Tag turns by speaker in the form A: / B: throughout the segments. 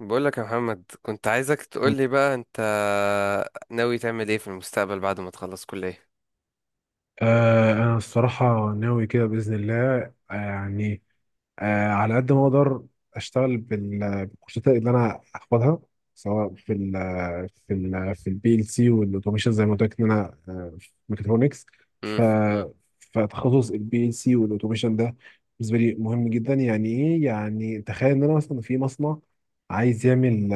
A: بقولك يا محمد، كنت عايزك تقولي بقى انت ناوي تعمل ايه في المستقبل بعد ما تخلص كلية.
B: آه، أنا الصراحة ناوي كده بإذن الله. آه يعني على قد ما أقدر أشتغل بالكورسات اللي أنا هاخدها، سواء في البي ال سي والأوتوميشن، زي ما قلت لك إن أنا في ميكاترونكس.
A: امم
B: ف فتخصص البي ال سي والأوتوميشن ده بالنسبة لي مهم جدا. يعني إيه؟ يعني تخيل إن أنا مثلا في مصنع عايز يعمل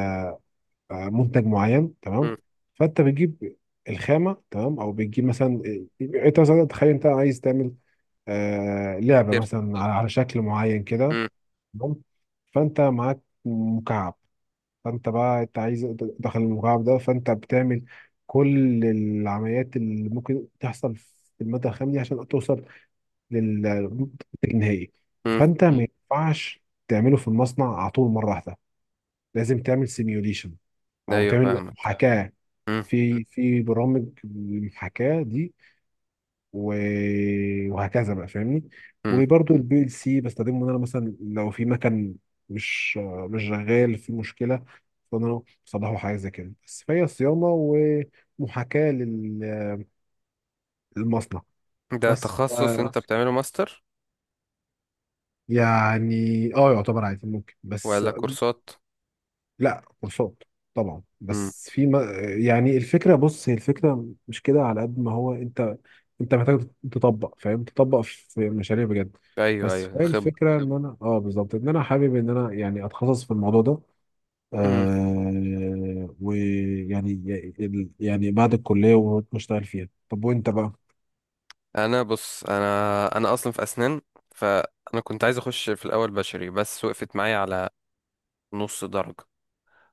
B: منتج معين، تمام؟
A: امم
B: فانت بتجيب الخامه، تمام، او بتجيب مثلا انت مثلا تخيل انت عايز تعمل لعبه
A: كتير.
B: مثلا على شكل معين كده،
A: امم
B: تمام. فانت معاك مكعب، فانت بقى انت عايز داخل المكعب ده، فانت بتعمل كل العمليات اللي ممكن تحصل في الماده الخام دي عشان توصل للمنتج النهائي.
A: امم
B: فانت ما ينفعش تعمله في المصنع على طول مره واحده، لازم تعمل سيميوليشن او
A: ايوه،
B: تعمل
A: فاهمك.
B: محاكاه
A: امم
B: في برامج المحاكاة دي، وهكذا بقى، فاهمني؟
A: امم
B: وبرضو البي ال سي بستخدمه، ان انا مثلا لو في مكان مش مش شغال، في مشكلة، فانا بصلحه حاجة زي كده، بس فهي صيانة ومحاكاة للمصنع.
A: ده
B: بس
A: تخصص انت
B: أصل،
A: بتعمله ماستر
B: يعني اه يعتبر عادي ممكن، بس
A: ولا كورسات؟
B: لا، كورسات طبعا.
A: امم
B: بس في ما، يعني الفكره، بص، هي الفكره مش كده، على قد ما هو انت محتاج تطبق، فاهم، تطبق في مشاريع بجد.
A: ايوه
B: بس
A: ايوه،
B: هي
A: خب.
B: الفكره ان انا، بالظبط، ان انا حابب ان انا يعني اتخصص في الموضوع ده.
A: امم
B: يعني بعد الكليه واشتغل فيها. طب وانت بقى؟
A: انا بص، انا اصلا في اسنان. فانا كنت عايز اخش في الاول بشري، بس وقفت معايا على نص درجة.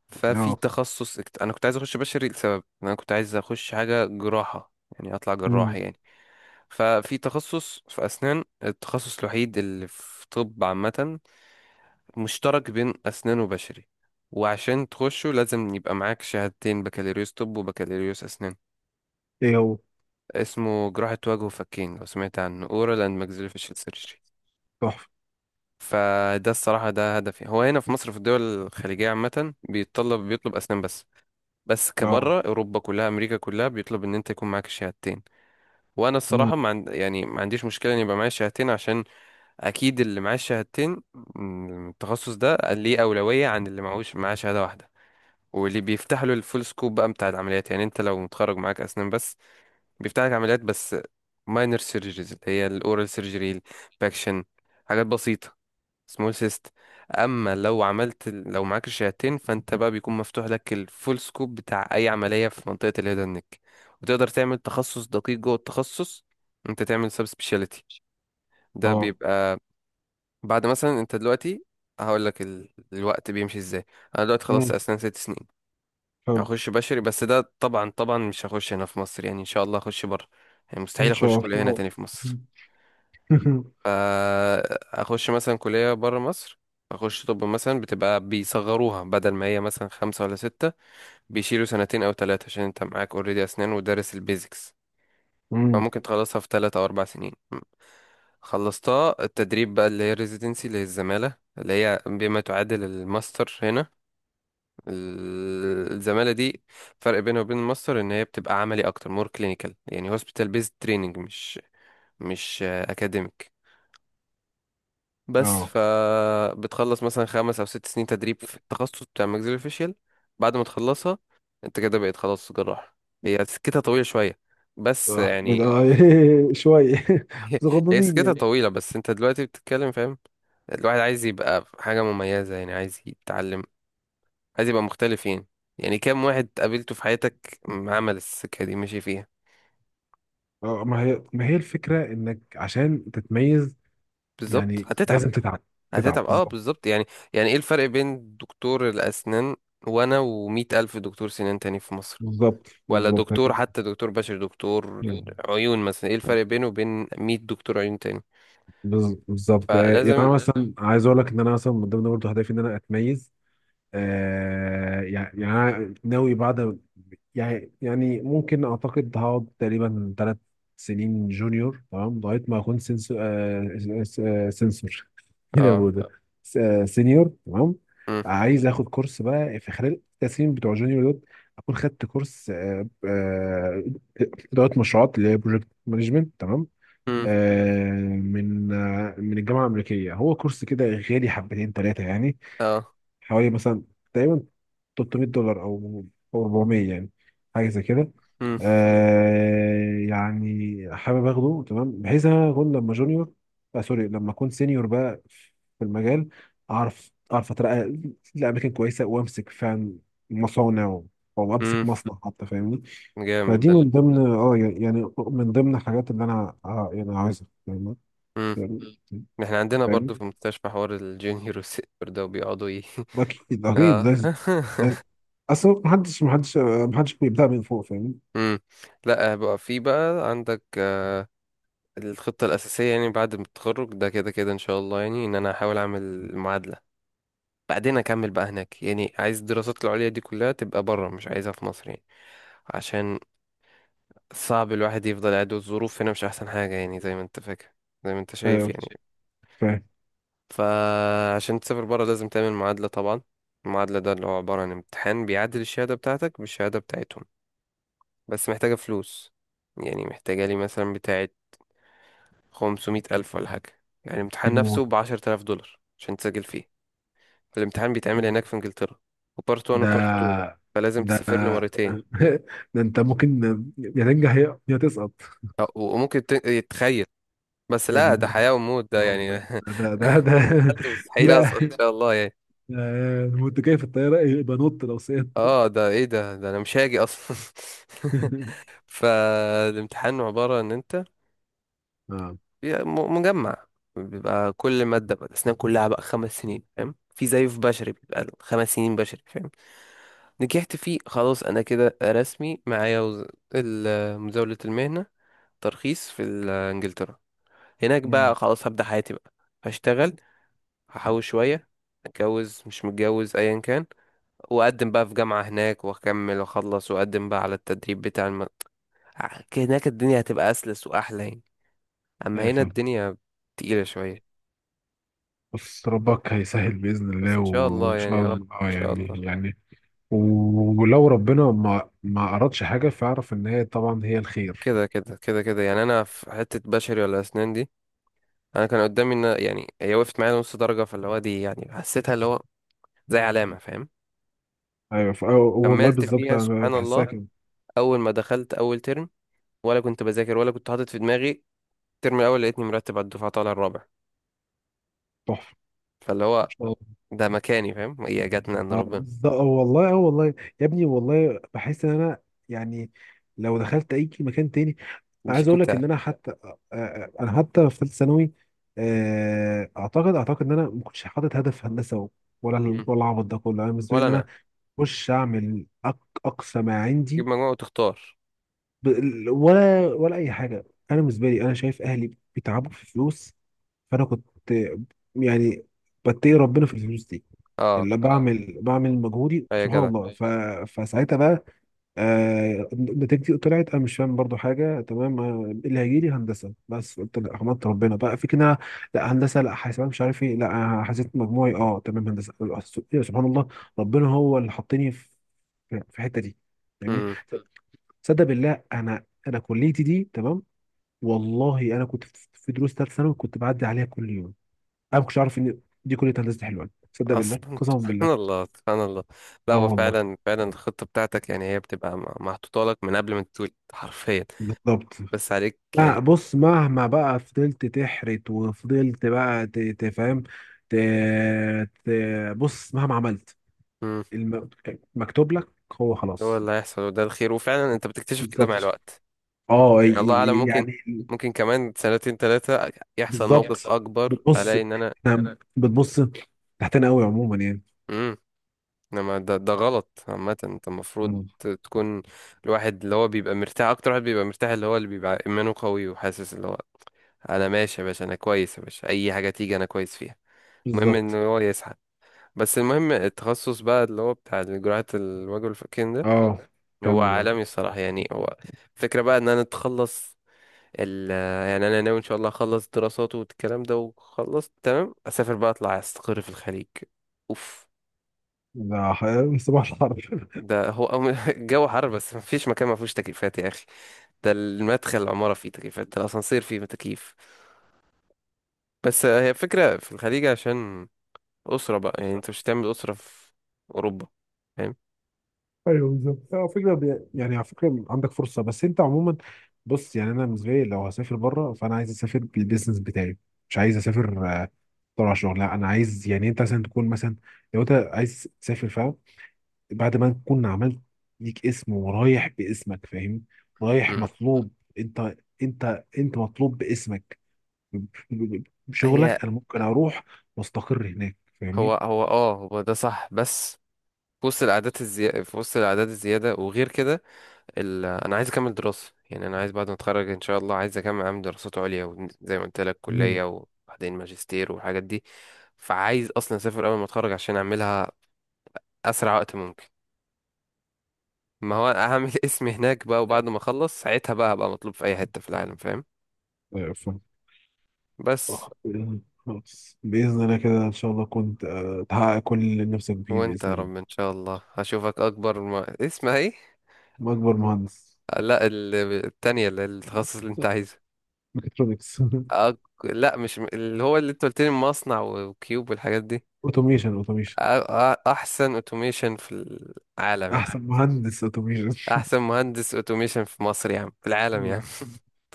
A: ففي
B: اه.
A: تخصص انا كنت عايز اخش بشري لسبب إن انا كنت عايز اخش حاجة جراحة، يعني اطلع جراح
B: امم.
A: يعني. ففي تخصص في أسنان، التخصص الوحيد اللي في طب عامة مشترك بين أسنان وبشري، وعشان تخشه لازم يبقى معاك شهادتين: بكالوريوس طب وبكالوريوس أسنان.
B: ايه هو؟
A: اسمه جراحة وجه وفكين، لو سمعت عنه oral and maxillofacial surgery.
B: تحفه.
A: فده الصراحة ده هدفي. هو هنا في مصر، في الدول الخليجية عامة، بيتطلب بيطلب أسنان بس، بس
B: اه.
A: كبره أوروبا كلها أمريكا كلها بيطلب إن أنت يكون معاك الشهادتين. وأنا
B: امم.
A: الصراحة ما عند... يعني ما عنديش مشكلة إن يبقى معايا شهادتين، عشان اكيد اللي معاه الشهادتين من التخصص ده ليه اولويه عن اللي معهوش، معاه شهاده واحده. واللي بيفتح له الفول سكوب بقى بتاع العمليات، يعني انت لو متخرج معاك اسنان بس، بيفتح لك عمليات بس، ماينر سيرجريز اللي هي الاورال سيرجري، باكشن، حاجات بسيطه، سمول سيست. اما لو عملت لو معاك الشهادتين، فانت بقى بيكون مفتوح لك الفول سكوب بتاع اي عمليه في منطقه الهيدن نيك. وتقدر تعمل تخصص دقيق جوه التخصص، انت تعمل سب سبيشاليتي. ده
B: اه.
A: بيبقى بعد مثلا انت دلوقتي. هقول لك الوقت بيمشي ازاي. انا دلوقتي خلصت
B: امم.
A: اسنان 6 سنين.
B: حلو.
A: هخش بشري، بس ده طبعا طبعا مش هخش هنا في مصر يعني، ان شاء الله هخش بره. يعني مستحيل
B: ان
A: اخش
B: شاء
A: كلية هنا
B: الله.
A: تاني في مصر. فا اخش مثلا كلية بره مصر، اخش طب مثلا. بتبقى بيصغروها، بدل ما هي مثلا خمسة ولا ستة، بيشيلوا سنتين او 3 عشان انت معاك اوريدي اسنان ودارس البيزكس.
B: امم.
A: فممكن تخلصها في 3 او 4 سنين. خلصتها، التدريب بقى اللي هي ريزيدنسي، اللي هي الزمالة، اللي هي بما تعادل الماستر هنا. الزمالة دي فرق بينها وبين الماستر ان هي بتبقى عملي اكتر، مور كلينيكال، يعني هوسبيتال بيزد تريننج، مش اكاديميك بس.
B: اه.
A: فبتخلص مثلا 5 او 6 سنين تدريب في التخصص بتاع ماكسيلوفيشيال. بعد ما تخلصها، انت كده بقيت خلاص جراح. هي سكتها طويلة شوية، بس
B: اه من
A: يعني.
B: اه شوية بس
A: هي
B: غضنين
A: سكتها
B: يعني.
A: طويلة، بس انت دلوقتي بتتكلم، فاهم. الواحد عايز يبقى حاجة مميزة يعني، عايز يتعلم، عايز يبقى مختلف يعني. يعني كام واحد قابلته في حياتك عمل السكة دي ماشي فيها؟
B: اه، ما هي الفكرة انك عشان تتميز
A: بالظبط،
B: يعني
A: هتتعب.
B: لازم تتعب. تتعب
A: هتتعب، اه
B: بالظبط.
A: بالظبط يعني. يعني ايه الفرق بين دكتور الأسنان، وانا، ومية ألف دكتور سنان تاني في مصر؟
B: بالظبط.
A: ولا
B: بالظبط.
A: دكتور، حتى دكتور بشري، دكتور عيون مثلا، ايه الفرق بينه وبين 100 دكتور عيون تاني؟
B: بالظبط. يعني انا
A: فلازم.
B: مثلا عايز اقول لك ان انا مثلا من ضمن برضه هدفي ان انا اتميز. يعني أنا ناوي بعد، يعني ممكن اعتقد هقعد تقريبا 3 سنين جونيور، تمام، لغايه ما اكون سنسور آه س- آه سنسور ايه ده،
A: اه.
B: هو ده سينيور، تمام.
A: مم.
B: عايز اخد كورس بقى في خلال ال 3 سنين بتوع جونيور دول، اكون خدت كورس اداره مشروعات، اللي هي بروجكت مانجمنت، تمام،
A: مم.
B: من الجامعه الامريكيه. هو كورس كده غالي، حبتين ثلاثه يعني،
A: اه.
B: حوالي مثلا تقريبا 300 دولار أو 400، يعني حاجه زي كده.
A: مم.
B: يعني حابب اخده، تمام، بحيث إن انا اكون لما جونيور، آه سوري، لما اكون سينيور بقى في المجال، اعرف اترقى لاماكن كويسه، وامسك فعلا مصانع او امسك
A: مم.
B: مصنع حتى، فاهمني؟
A: جامد
B: فدي
A: ده.
B: من ضمن، يعني، يعني من ضمن الحاجات اللي انا يعني عايزها، فاهمني؟
A: احنا عندنا برضو في
B: فاهمني؟
A: المستشفى حوار الجونيور والسينيور ده، وبيقعدوا ايه.
B: اكيد اكيد
A: اه.
B: لازم. اصل محدش بيبدأ من فوق، فاهم؟
A: امم لا بقى، في بقى عندك الخطة الأساسية، يعني بعد ما التخرج ده كده كده إن شاء الله يعني، إن أنا هحاول أعمل معادلة، بعدين أكمل بقى هناك. يعني عايز الدراسات العليا دي كلها تبقى بره، مش عايزها في مصر يعني. عشان صعب الواحد يفضل قاعد، والظروف هنا مش أحسن حاجة يعني، زي ما أنت فاكر، زي ما أنت شايف
B: ايوه
A: يعني.
B: فاهم.
A: فعشان تسافر بره لازم تعمل معادلة طبعا. المعادلة ده اللي هو عبارة عن امتحان بيعادل الشهادة بتاعتك بالشهادة بتاعتهم، بس محتاجة فلوس. يعني محتاجة لي مثلا بتاعة 500 ألف ولا حاجة. يعني
B: دي
A: الامتحان
B: الموضوع.
A: نفسه بـ10 آلاف دولار عشان تسجل فيه. الامتحان بيتعمل هناك في انجلترا، وبارت 1 وبارت 2،
B: ده
A: فلازم
B: ده
A: تسافر له مرتين.
B: ده انت ممكن يا تنجح يا تسقط.
A: وممكن تخيل. بس
B: يا
A: لا،
B: دي
A: ده حياة وموت ده يعني.
B: ده ده ده
A: مستحيل أسقط إن
B: لا،
A: شاء الله يعني.
B: وانت جاي في الطياره يبقى نط لو سقطت.
A: اه ده ايه ده، ده انا مش هاجي اصلا. فالامتحان عبارة ان انت
B: اه.
A: مجمع، بيبقى كل مادة بقى. الأسنان كلها بقى 5 سنين فاهم، في زيه في بشري بيبقى له 5 سنين بشري فاهم. نجحت فيه خلاص، أنا كده رسمي معايا مزاولة المهنة، ترخيص في إنجلترا. هناك
B: امم.
A: بقى خلاص هبدأ حياتي بقى. هشتغل، هحوش شوية، اتجوز مش متجوز ايا كان، واقدم بقى في جامعة هناك، واكمل واخلص، واقدم بقى على التدريب بتاع المدرسة. هناك الدنيا هتبقى أسلس وأحلى يعني. أما
B: ايه
A: هنا
B: فاهم.
A: الدنيا تقيلة شوية.
B: بس ربك هيسهل باذن
A: بس
B: الله
A: إن شاء الله
B: وان
A: يعني، يا
B: شاء
A: رب
B: الله،
A: إن شاء الله.
B: ولو ربنا ما اردش حاجه، فاعرف ان هي طبعا هي الخير.
A: كده كده كده كده يعني. أنا في حتة بشري ولا أسنان دي، أنا كان قدامي إن يعني هي وقفت معايا نص درجة، فاللي هو دي يعني حسيتها اللي هو زي علامة فاهم.
B: ايوه. أيوة والله،
A: كملت
B: بالظبط،
A: فيها
B: كمل. انا
A: سبحان
B: بحسها
A: الله.
B: كده.
A: أول ما دخلت أول ترم، ولا كنت بذاكر ولا كنت حاطط في دماغي، الترم الأول لقيتني مرتب على الدفعة طالع الرابع.
B: تحفه.
A: فاللي هو
B: اه.
A: ده مكاني، فاهم، هي جت من عند
B: اه
A: ربنا.
B: بالظبط. اه والله. اه والله. يا ابني، والله بحس ان انا يعني لو دخلت اي مكان تاني،
A: مش
B: عايز اقول لك
A: أنت.
B: ان انا حتى انا حتى في ثالثه ثانوي اعتقد ان انا ما كنتش حاطط هدف هندسه ولا
A: مم.
B: ولا العبط ده كله. انا بالنسبه لي
A: ولا
B: ان انا
A: أنا.
B: اخش اعمل اقصى ما
A: تجيب
B: عندي،
A: مجموعة وتختار.
B: ب... ولا اي حاجه. انا بالنسبه لي انا شايف اهلي بيتعبوا في فلوس، فانا كنت يعني بتقي ربنا في الفلوس دي،
A: اه،
B: اللي بعمل مجهودي،
A: أي يا
B: سبحان
A: جدع.
B: الله. أيوة. فساعتها بقى نتيجتي طلعت انا مش فاهم برضو حاجه، تمام، اللي هيجي لي هندسه، بس قلت لا، حمدت ربنا بقى في كده. لا هندسه، لا حاسبات، مش عارف ايه، لا، حسيت مجموعي اه تمام هندسه. سبحان الله. ربنا هو اللي حطني في الحته دي، فاهمني؟
A: امم
B: صدق بالله، انا كليتي دي، تمام. والله انا كنت في دروس ثالث ثانوي كنت بعدي عليها كل يوم، انا ما كنتش اعرف ان دي كليه هندسه حلوان. صدق
A: أصلا.
B: بالله، قسما بالله.
A: سبحان الله سبحان الله. لا
B: اه
A: هو
B: والله،
A: فعلا فعلا، الخطة بتاعتك يعني هي بتبقى محطوطة لك من قبل ما تتولد حرفيا،
B: بالظبط.
A: بس عليك
B: لا
A: يعني.
B: بص، مهما بقى فضلت تحرت، وفضلت بقى تفهم ت... ت... بص، مهما عملت،
A: امم
B: المكتوب لك هو
A: هو
B: خلاص.
A: اللي هيحصل، وده الخير، وفعلا أنت بتكتشف كده مع
B: بالظبط.
A: الوقت.
B: اه
A: يعني الله أعلم، ممكن
B: يعني.
A: ممكن كمان سنتين 3 يحصل موقف
B: بالظبط.
A: أكبر،
B: بتبص،
A: ألاقي إن أنا.
B: إحنا بتبص تحتنا قوي عموما
A: مم. انما ده غلط عامة، انت المفروض
B: يعني.
A: تكون الواحد اللي هو بيبقى مرتاح اكتر. واحد بيبقى مرتاح اللي هو اللي بيبقى ايمانه قوي، وحاسس اللي هو انا ماشي يا باشا، انا كويس يا باشا، اي حاجة تيجي انا كويس فيها. المهم ان
B: بالظبط.
A: هو يسعى. بس المهم التخصص بقى اللي هو بتاع جراحة الوجه والفكين ده،
B: اه
A: هو
B: كمل بقى.
A: عالمي الصراحة يعني. هو الفكرة بقى ان انا اتخلص ال يعني انا ناوي ان شاء الله اخلص دراسات والكلام ده، وخلصت تمام، اسافر بقى، اطلع استقر في الخليج. اوف.
B: من صباح الحرب.
A: ده الجو حر، بس مفيش مكان ما فيهوش تكييفات يا اخي. ده المدخل العماره فيه تكييفات، ده الاسانسير فيه تكييف. بس هي فكره في الخليج عشان اسره بقى، يعني انت مش هتعمل اسره في اوروبا فاهم.
B: ايوه، بالظبط. على فكره، يعني على فكره عندك فرصه، بس انت عموما بص. يعني انا بالنسبه لي لو هسافر بره، فانا عايز اسافر بالبيزنس بتاعي، مش عايز اسافر طلع شغل. لا، انا عايز يعني انت مثلا تكون مثلا لو انت عايز تسافر، فاهم، بعد ما تكون عملت ليك اسم، ورايح باسمك، فاهم، رايح
A: مم.
B: مطلوب. انت انت مطلوب باسمك، ب-
A: هي.
B: بشغلك. انا ممكن اروح واستقر هناك،
A: هو
B: فاهمني؟
A: هو اه، هو ده صح بس. في وسط الأعداد الزيادة، في وسط الأعداد الزيادة وغير كده أنا عايز أكمل دراسة. يعني أنا عايز بعد ما أتخرج إن شاء الله، عايز أكمل أعمل دراسات عليا وزي ما قلت لك
B: مم.
A: كلية، وبعدين ماجستير والحاجات دي. فعايز أصلا أسافر أول ما أتخرج عشان أعملها اسرع وقت ممكن. ما هو هعمل اسمي هناك بقى، وبعد ما اخلص ساعتها بقى هبقى مطلوب في اي حتة في العالم فاهم.
B: أيوة فاهم.
A: بس.
B: آه، إيه، خلاص بإذن الله كده، إن شاء الله كنت تحقق كل اللي نفسك فيه
A: وانت
B: بإذن
A: يا
B: الله.
A: رب ان شاء الله، هشوفك اكبر ما... اسمها ايه.
B: وأكبر مهندس.
A: لا، التانية اللي التخصص اللي انت
B: لا،
A: عايزه.
B: ميكاترونكس.
A: أك... لا، مش اللي هو اللي انت قلت لي مصنع وكيوب والحاجات دي.
B: أوتوميشن. أوتوميشن.
A: أ... احسن اوتوميشن في العالم يعني،
B: أحسن مهندس أوتوميشن.
A: احسن مهندس اوتوميشن في مصر يا عم، في العالم يا عم.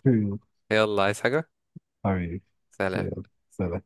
A: يلا، عايز حاجة؟
B: حبيبي.
A: سلام.
B: يلا. سلام.